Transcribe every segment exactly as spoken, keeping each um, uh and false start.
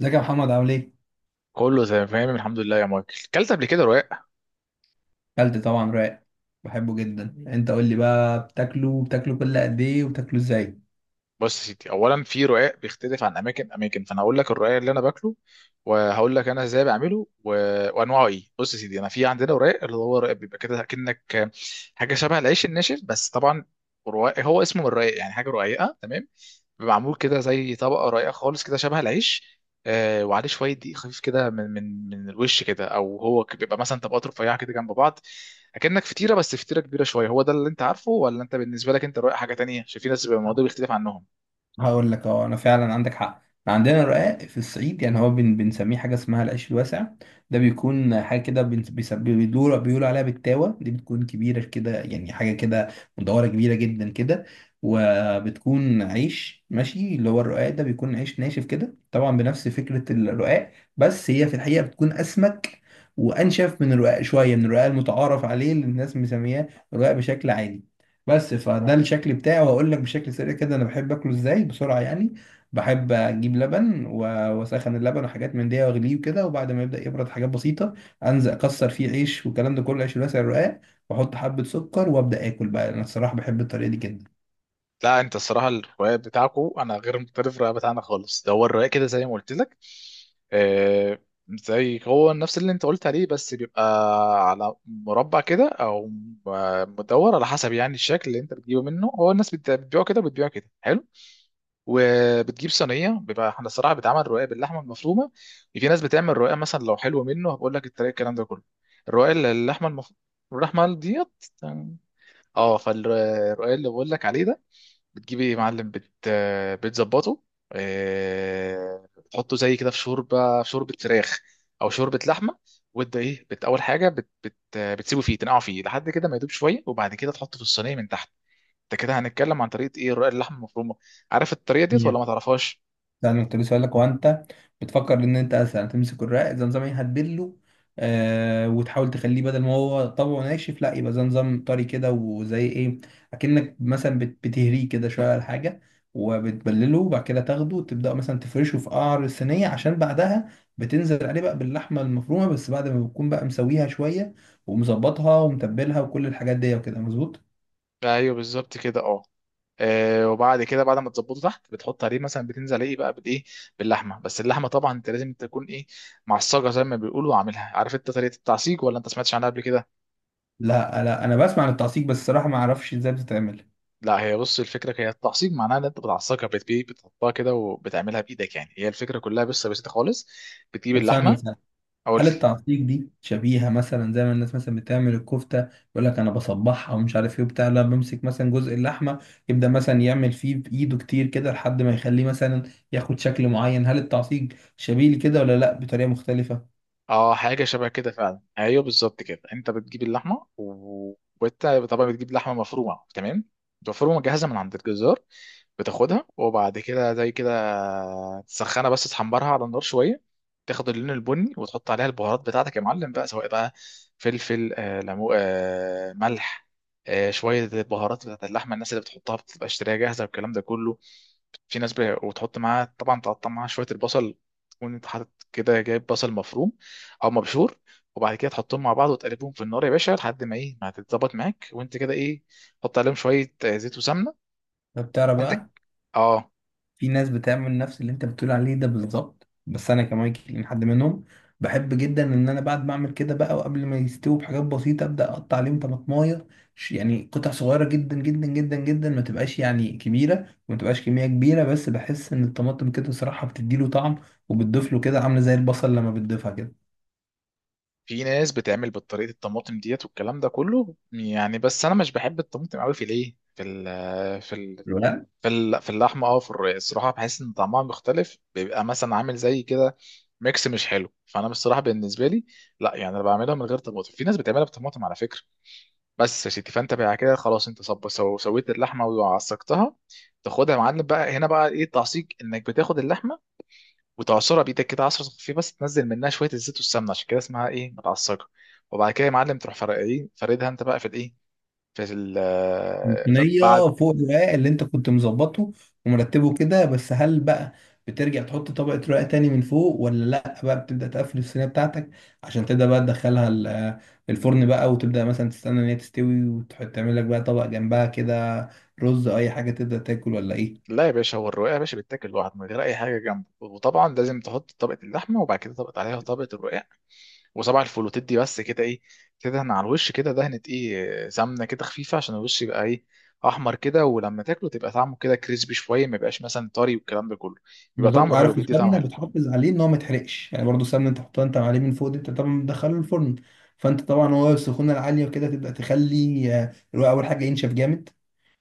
ازيك يا محمد، عامل ايه؟ كله تمام الحمد لله يا مايكل كلت قبل كده رقاق. اكلت طبعا راق. بحبه جدا. انت قول لي بقى، بتاكله بتاكله كل قد ايه، وبتاكله ازاي؟ بص يا سيدي، اولا في رقاق بيختلف عن اماكن اماكن، فانا هقول لك الرقاق اللي انا باكله وهقول لك انا ازاي بعمله و... وانواعه ايه. بص يا سيدي، انا في عندنا رقاق اللي هو رقاق بيبقى كده كأنك حاجه شبه العيش الناشف، بس طبعا رقاق هو اسمه من الرقاق، يعني حاجه رقيقه، تمام. بيبقى معمول كده زي طبقه رقيقه خالص كده شبه العيش، آه، وعليه شويه دقيق خفيف كده من من من الوش كده، او هو ك- بيبقى مثلا طبقات رفيعه كده جنب بعض، اكنك فطيره، بس فطيره كبيره شويه. هو ده اللي انت عارفه، ولا انت بالنسبه لك انت رايح حاجه تانية، عشان في ناس بيبقى الموضوع بيختلف عنهم؟ هقول لك، اه انا فعلا عندك حق. عندنا الرقاق في الصعيد، يعني هو بن بنسميه حاجه اسمها العيش الواسع. ده بيكون حاجه كده، بن- بيس- بيدور بيقول عليها بالتاوه، دي بتكون كبيره كده، يعني حاجه كده مدوره، كبيره جدا كده. وبتكون عيش، ماشي؟ اللي هو الرقاق ده بيكون عيش ناشف كده، طبعا بنفس فكره الرقاق. بس هي في الحقيقه بتكون اسمك وانشف من الرقاق شويه، من الرقاق المتعارف عليه اللي الناس مسمياه رقاق بشكل عادي. بس فده الشكل بتاعي، وهقول لك بشكل سريع كده انا بحب اكله ازاي بسرعه يعني. بحب اجيب لبن و- واسخن اللبن وحاجات من دي واغليه وكده، وبعد ما يبدا يبرد حاجات بسيطه انزل اكسر فيه عيش، والكلام ده كله عيش الواسع الرقاق، واحط حبه سكر وابدا اكل بقى. انا الصراحه بحب الطريقه دي جدا. لا انت الصراحه الروايه بتاعكو انا غير مختلف، الروايه بتاعنا خالص ده هو الروايه كده زي ما قلت لك. آه، زي هو نفس اللي انت قلت عليه، بس بيبقى على مربع كده او م- مدور، على حسب يعني الشكل اللي انت بتجيبه منه. هو الناس بت- بتبيعه كده، بتبيعه كده حلو، وبتجيب صينيه. بيبقى احنا الصراحه بتعمل روايه باللحمه المفرومه. في ناس بتعمل روايه مثلا لو حلوه منه هبقول لك الطريقه الكلام ده كله. الروايه اللي اللحمه المفرومه، اللحمه ديت، اه، فالروايه اللي بقول لك عليه ده، بتجيبي يا معلم بت... آه، بتظبطه، آه، بتحطه زي كده في شوربه، في شوربه فراخ او شوربه لحمه. وده ايه، بت... اول حاجه بت... بت... آه، بتسيبه فيه، تنقعه فيه لحد كده ما يدوب شويه، وبعد كده تحطه في الصينيه من تحت. انت كده هنتكلم عن طريقه ايه؟ رقاق اللحمه المفرومه. عارف الطريقه ديت ولا ما تعرفهاش؟ ده انا كنت لسه هقول لك، هو انت بتفكر ان انت مثلا تمسك الرق زي نظام ايه، هتبله، آه وتحاول تخليه بدل ما هو طبعه ناشف، لا، يبقى زي نظام طري كده وزي ايه. اكنك مثلا بت- بتهريه كده شويه على حاجه، وبتبلله، وبعد كده تاخده وتبدا مثلا تفرشه في قعر الصينيه، عشان بعدها بتنزل عليه بقى باللحمه المفرومه، بس بعد ما بتكون بقى مسويها شويه ومظبطها ومتبلها وكل الحاجات دي، وكده مظبوط. ايوه بالظبط كده، اه. آه، وبعد كده، بعد ما تظبطه تحت، بتحط عليه مثلا، بتنزل ايه بقى بالايه، باللحمه. بس اللحمه طبعا انت لازم تكون ايه، معصجه زي ما بيقولوا عاملها. عارف انت طريقه التعصيج ولا انت سمعتش عنها قبل كده؟ لا لا، انا بسمع عن التعصيب، بس الصراحه ما اعرفش ازاي بتتعمل. لا، هي بص الفكره، هي التعصيب معناها ان انت بتعصقها، بتبي بتحطها كده وبتعملها بايدك، يعني هي الفكره كلها، بس بسيطه خالص. بتجيب طب ثانيه اللحمه. ثانيه، اقول، هل التعصيب دي شبيهة مثلا زي ما الناس مثلا بتعمل الكفتة؟ يقول لك أنا بصبحها ومش عارف إيه وبتاع، لا، بمسك مثلا جزء اللحمة، يبدأ مثلا يعمل فيه بإيده كتير كده لحد ما يخليه مثلا ياخد شكل معين. هل التعصيب شبيه لكده، ولا لأ بطريقة مختلفة؟ اه حاجه شبه كده فعلا، ايوه بالظبط كده. انت بتجيب اللحمه و- وانت طبعا بتجيب لحمه مفرومه، تمام، مفرومه جاهزه من عند الجزار. بتاخدها، وبعد كده زي كده تسخنها، بس تحمرها على النار شويه، تاخد اللون البني، وتحط عليها البهارات بتاعتك يا معلم بقى، سواء بقى فلفل، آه، ليمو، آه، ملح، آه، شويه البهارات بتاعت اللحمه. الناس اللي بتحطها بتبقى اشتريها جاهزه، والكلام ده كله. في ناس ب... وتحط معاها طبعا، تقطع معاها شويه البصل. تكون انت حاطط كده، جايب بصل مفروم او مبشور. وبعد كده تحطهم مع بعض وتقلبهم في النار يا باشا لحد ما ايه، ما هتتظبط معاك، وانت كده ايه، حط عليهم شويه، آه، زيت وسمنه. ده بتعرف انت، بقى، اه. في ناس بتعمل نفس اللي انت بتقول عليه ده بالظبط، بس انا كمان حد منهم. بحب جدا ان انا بعد ما اعمل كده بقى، وقبل ما يستووا بحاجات بسيطه، ابدا اقطع عليهم طماطمايه، ش- يعني قطع صغيره جدا جدا جدا جدا، ما تبقاش يعني كبيره وما تبقاش كميه كبيره. بس بحس ان الطماطم كده صراحه بتديله طعم، وبتضيف له كده، عامله زي البصل لما بتضيفها في ناس بتعمل بطريقه الطماطم ديت والكلام ده كله يعني، بس انا مش بحب الطماطم قوي في الايه، في ال... في كده. في ال- في اللحمه، اه، في الر- الصراحه بحس ان طعمها مختلف، بيبقى مثلا عامل زي كده ميكس مش حلو، فانا بصراحه بالنسبه لي لا، يعني انا بعملها من غير طماطم. في ناس بتعملها بطماطم على فكره. بس يا سيدي، فانت بقى كده خلاص، انت صب سو سويت اللحمه وعصقتها. تاخدها يا معلم بقى، هنا بقى ايه التعصيق، انك بتاخد اللحمه وتعصرها بايدك كده عصره خفيف، بس تنزل منها شويه الزيت والسمنه، عشان كده اسمها ايه، متعصقه. وبعد كده يا معلم تروح فرق ايه، فردها انت بقى في الايه، في ال. صينية فوق الرقاق اللي انت كنت مظبطه ومرتبه كده. بس هل بقى بترجع تحط طبقة رقاق تاني من فوق، ولا لا بقى بتبدأ تقفل الصينية بتاعتك عشان تبدأ بقى تدخلها ال- الفرن بقى، وتبدأ مثلا تستنى ان هي تستوي، وتعمل لك بقى طبق جنبها كده، رز أو اي حاجة، تبدأ تاكل ولا ايه؟ لا يا باشا، هو الرقاق يا باشا بيتاكل لوحده من غير اي حاجه جنبه، وطبعا لازم تحط طبقه اللحمه، وبعد كده طبقه عليها طبقه الرقاق وصباع الفول، وتدي بس كده ايه، تدهن على الوش كده دهنه ايه، سمنه كده خفيفه، عشان الوش يبقى ايه، احمر كده، ولما تاكله تبقى طعمه كده كريسبي شويه، ما يبقاش مثلا طري والكلام ده كله، بيبقى بالظبط. طعمه حلو، عارف، بيدي طعم السمنة حلو. بتحافظ عليه ان هو ما يتحرقش، يعني برضو السمنة انت تحطها انت عليه من فوق دي، انت طبعا بتدخله الفرن، فانت طبعا هو السخونة العالية وكده تبدأ تخلي آه، الرقاق اول حاجة ينشف جامد،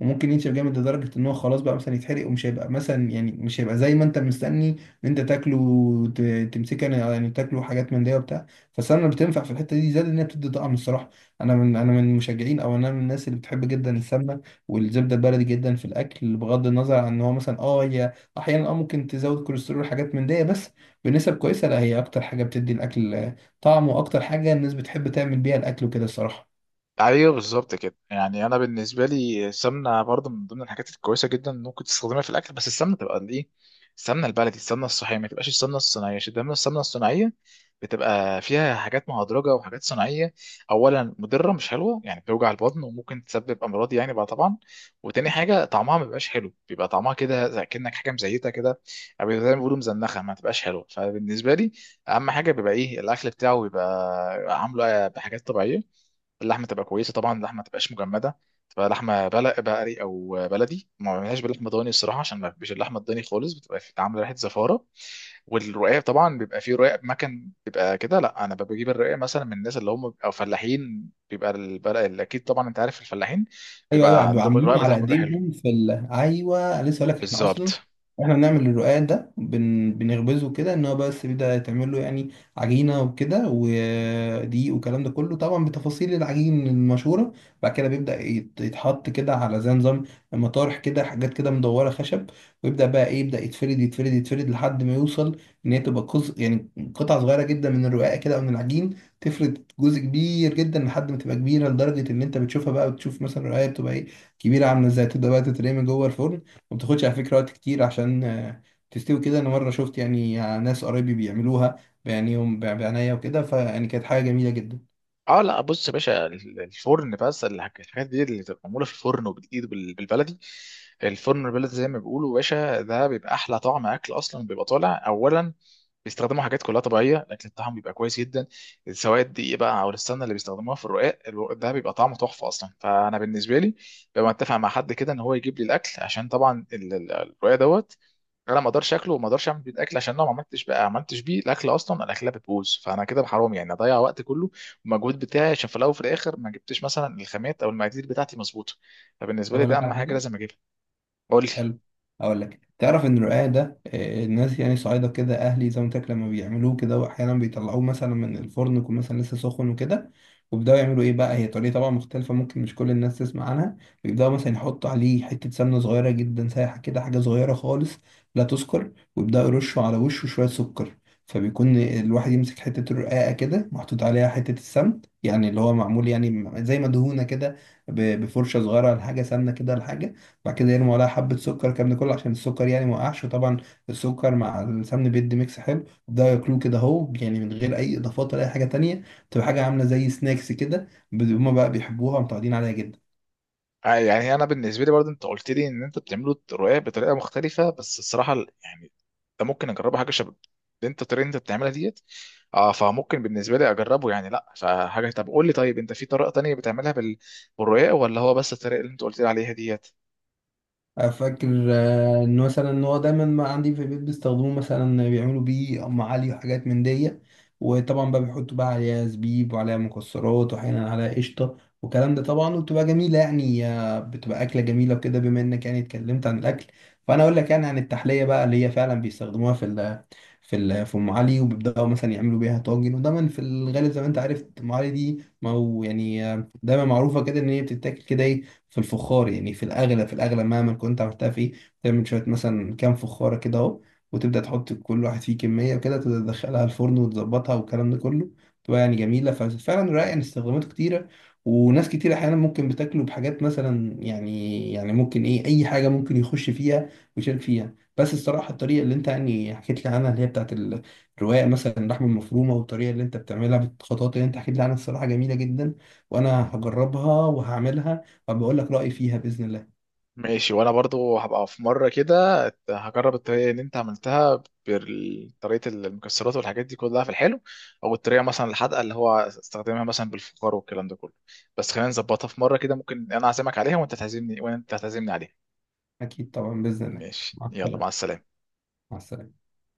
وممكن ينشف جامد لدرجة ان هو خلاص بقى مثلا يتحرق، ومش هيبقى مثلا، يعني مش هيبقى زي ما انت مستني ان انت تاكله وت- تمسكه، يعني يعني تاكله حاجات من دي وبتاع. فالسمنة بتنفع في الحتة دي، زائد ان هي بتدي طعم الصراحة. انا من انا من المشجعين، او انا من الناس اللي بتحب جدا السمنة والزبدة البلدي جدا في الاكل، بغض النظر عن ان هو مثلا اه هي احيانا اه ممكن تزود كوليسترول حاجات من دي، بس بنسب كويسة. لا، هي اكتر حاجة بتدي الاكل طعم، واكتر حاجة الناس بتحب تعمل بيها الاكل وكده الصراحة. ايوه بالظبط كده. يعني انا بالنسبه لي السمنه برضه من ضمن الحاجات الكويسه جدا اللي ممكن تستخدمها في الاكل، بس السمنه تبقى الايه، السمنه البلدي، السمنه الصحيه، ما تبقاش السمنه الصناعيه، عشان دايما السمنه الصناعيه بتبقى فيها حاجات مهدرجه وحاجات صناعيه. اولا مضره، مش حلوه يعني، بتوجع البطن وممكن تسبب امراض يعني بقى طبعا. وتاني حاجه طعمها ما بيبقاش حلو، بيبقى طعمها كده زي كأنك حاجه مزيته كده، او زي ما بيقولوا مزنخه، ما تبقاش حلوه. فبالنسبه لي اهم حاجه بيبقى ايه، الاكل بتاعه بيبقى عامله بحاجات طبيعيه. اللحمه تبقى كويسه طبعا، اللحمه ما تبقاش مجمده، تبقى لحمه بلق بقري او بلدي، ما بعملهاش بلحمه ضاني الصراحه، عشان ما بحبش اللحمه الضاني خالص، بتبقى في- عامله ريحه زفاره. والرقاق طبعا بيبقى فيه رقاق مكن بيبقى كده، لا انا بجيب الرقاق مثلا من الناس اللي هم او فلاحين، بيبقى البلق اكيد، طبعا انت عارف الفلاحين ايوه ايوه، بيبقى بيبقوا عندهم الرقاق عاملين على بتاعهم بيبقى حلو. ايديهم في ال... ايوه، لسه هقول لك. احنا اصلا بالظبط، احنا بنعمل الرقاق ده بن... بنخبزه كده، ان هو بس بيبدا يتعمل له يعني عجينه وكده ودقيق والكلام ده كله، طبعا بتفاصيل العجين المشهوره. بعد كده بيبدا يت- يتحط كده على زي نظام مطارح كده، حاجات كده مدوره خشب، ويبدا بقى ايه يبدا يتفرد يتفرد يتفرد لحد ما يوصل ان هي تبقى قص... يعني قطع صغيره جدا من الرقاق كده او من العجين. تفرد جزء كبير جدا لحد ما تبقى كبيره، لدرجه ان انت بتشوفها بقى، بتشوف مثلا القرايه بتبقى ايه، كبيره عامله ازاي، تبدا بقى تترمي من جوه الفرن، وما بتاخدش على فكره وقت كتير عشان آه، تستوي كده. انا مره شفت يعني آه، ناس قرايبي بيعملوها بعينيهم بعناية وكده، فيعني كانت حاجه جميله جدا. اه. لا بص يا باشا، ال- الفرن، بس الحاج- الحاجات دي اللي بتبقى معموله في الفرن وبالايد وبال- بالبلدي، الفرن البلدي زي ما بيقولوا يا باشا، ده بيبقى احلى طعم اكل اصلا، بيبقى طالع اولا بيستخدموا حاجات كلها طبيعيه، الاكل بتاعهم بيبقى كويس جدا، سواء الدقيق بقى او السمنه اللي بيستخدموها في الرقاق، الو- ده بيبقى طعمه تحفه اصلا. فانا بالنسبه لي ببقى متفق مع حد كده ان هو يجيب لي الاكل، عشان طبعا ال- ال- الرقاق دوت انا ما اقدرش اكله وما اقدرش اعمل بيه الاكل، عشان لو ما عملتش بقى، عملتش بيه الاكل اصلا الاكله بتبوظ، فانا كده حرام يعني اضيع وقت كله والمجهود بتاعي، عشان في الاول وفي الاخر ما جبتش مثلا الخامات او المقادير بتاعتي مظبوطه. فبالنسبه طب لي اقول ده لك اهم على حاجه حاجه لازم اجيبها. قول لي. حلو. اقول لك، تعرف ان الرقاق ده آه، الناس يعني صعيدة كده، اهلي زي ما قلت لك، لما بيعملوه كده واحيانا بيطلعوه مثلا من الفرن يكون مثلا لسه سخن وكده، وبيبداوا يعملوا ايه بقى، هي طريقه طبعا مختلفه ممكن مش كل الناس تسمع عنها. بيبداوا مثلا يحطوا عليه حته سمنه صغيره جدا سايحه كده، حاجه صغيره خالص لا تذكر، ويبداوا يرشوا على وشه شويه سكر. فبيكون الواحد يمسك حته الرقاقه كده محطوط عليها حته السمن، يعني اللي هو معمول يعني زي ما دهونه كده ب- بفرشه صغيره لحاجه سمنه كده لحاجه. بعد كده يرموا عليها حبة سكر، الكلام ده كله عشان السكر يعني ما وقعش. وطبعا السكر مع السمن بيدي ميكس حلو، وبدأوا ياكلوه كده اهو، يعني من غير اي اضافات ولا اي حاجة تانية. تبقى حاجة عاملة زي سناكس كده، ب- هما بقى بيحبوها ومتعودين عليها جدا. آه، يعني انا بالنسبه لي برضه انت قلت لي ان انت بتعملوا الرقاق بطريقه مختلفه، بس الصراحه ال- يعني ده ممكن اجربه، حاجه شبه اللي انت الطريقه اللي انت بتعملها ديت، اه، فممكن بالنسبه لي اجربه يعني، لا فحاجه. طب قول لي، طيب انت في طريقه تانية بتعملها بال- بالرقاق، ولا هو بس الطريقه اللي انت قلت لي عليها ديت؟ فاكر آه، ان مثلا ان هو دايما ما عندي في البيت بيستخدموه، مثلا بيعملوا بيه ام علي وحاجات من دي، وطبعا بقى بيحطوا بقى عليها زبيب وعليها مكسرات واحيانا عليها قشطه والكلام ده طبعا، وبتبقى جميله، يعني آه، بتبقى اكله جميله وكده. بما انك يعني اتكلمت عن الاكل، فانا اقول لك يعني عن التحليه بقى اللي هي فعلا بيستخدموها في ال في ال في ام علي، وبيبداوا مثلا يعملوا بيها طاجن. ودايما في الغالب زي ما انت عارف، ام علي دي ما هو يعني آه، دايما معروفه كده ان هي بتتاكل كده ايه، في الفخار، يعني في الأغلى، في الأغلى مهما كنت عملتها فيه. تعمل شوية مثلا كام فخارة كده أهو، وتبدأ تحط كل واحد فيه كمية وكده، تبدأ تدخلها الفرن وتظبطها والكلام ده كله، تبقى يعني جميلة. ففعلا رائع، يعني استخداماته كتيرة. وناس كتير أحيانا ممكن بتاكله بحاجات مثلا، يعني يعني ممكن إيه أي حاجة ممكن يخش فيها ويشارك فيها. بس الصراحة الطريقة اللي أنت يعني حكيت لي عنها، اللي هي بتاعت ال- الرواية مثلا اللحمة المفرومة، والطريقة اللي أنت بتعملها بالخطوات اللي أنت حكيت لي عنها، الصراحة جميلة جدا، وأنا هجربها وهعملها، فبقول لك رأيي فيها بإذن الله. ماشي، وانا برضو هبقى في مره كده هجرب الطريقه اللي انت عملتها بطريقه المكسرات والحاجات دي كلها في الحلو، او الطريقه مثلا الحادقه اللي هو استخدمها مثلا بالفخار والكلام ده كله. بس خلينا نظبطها في مره كده، ممكن انا اعزمك عليها وانت تعزمني، وانت تعزمني عليها. أكيد طبعا، بإذن الله. ماشي، مع يلا مع السلامة. السلامه. مع السلامة.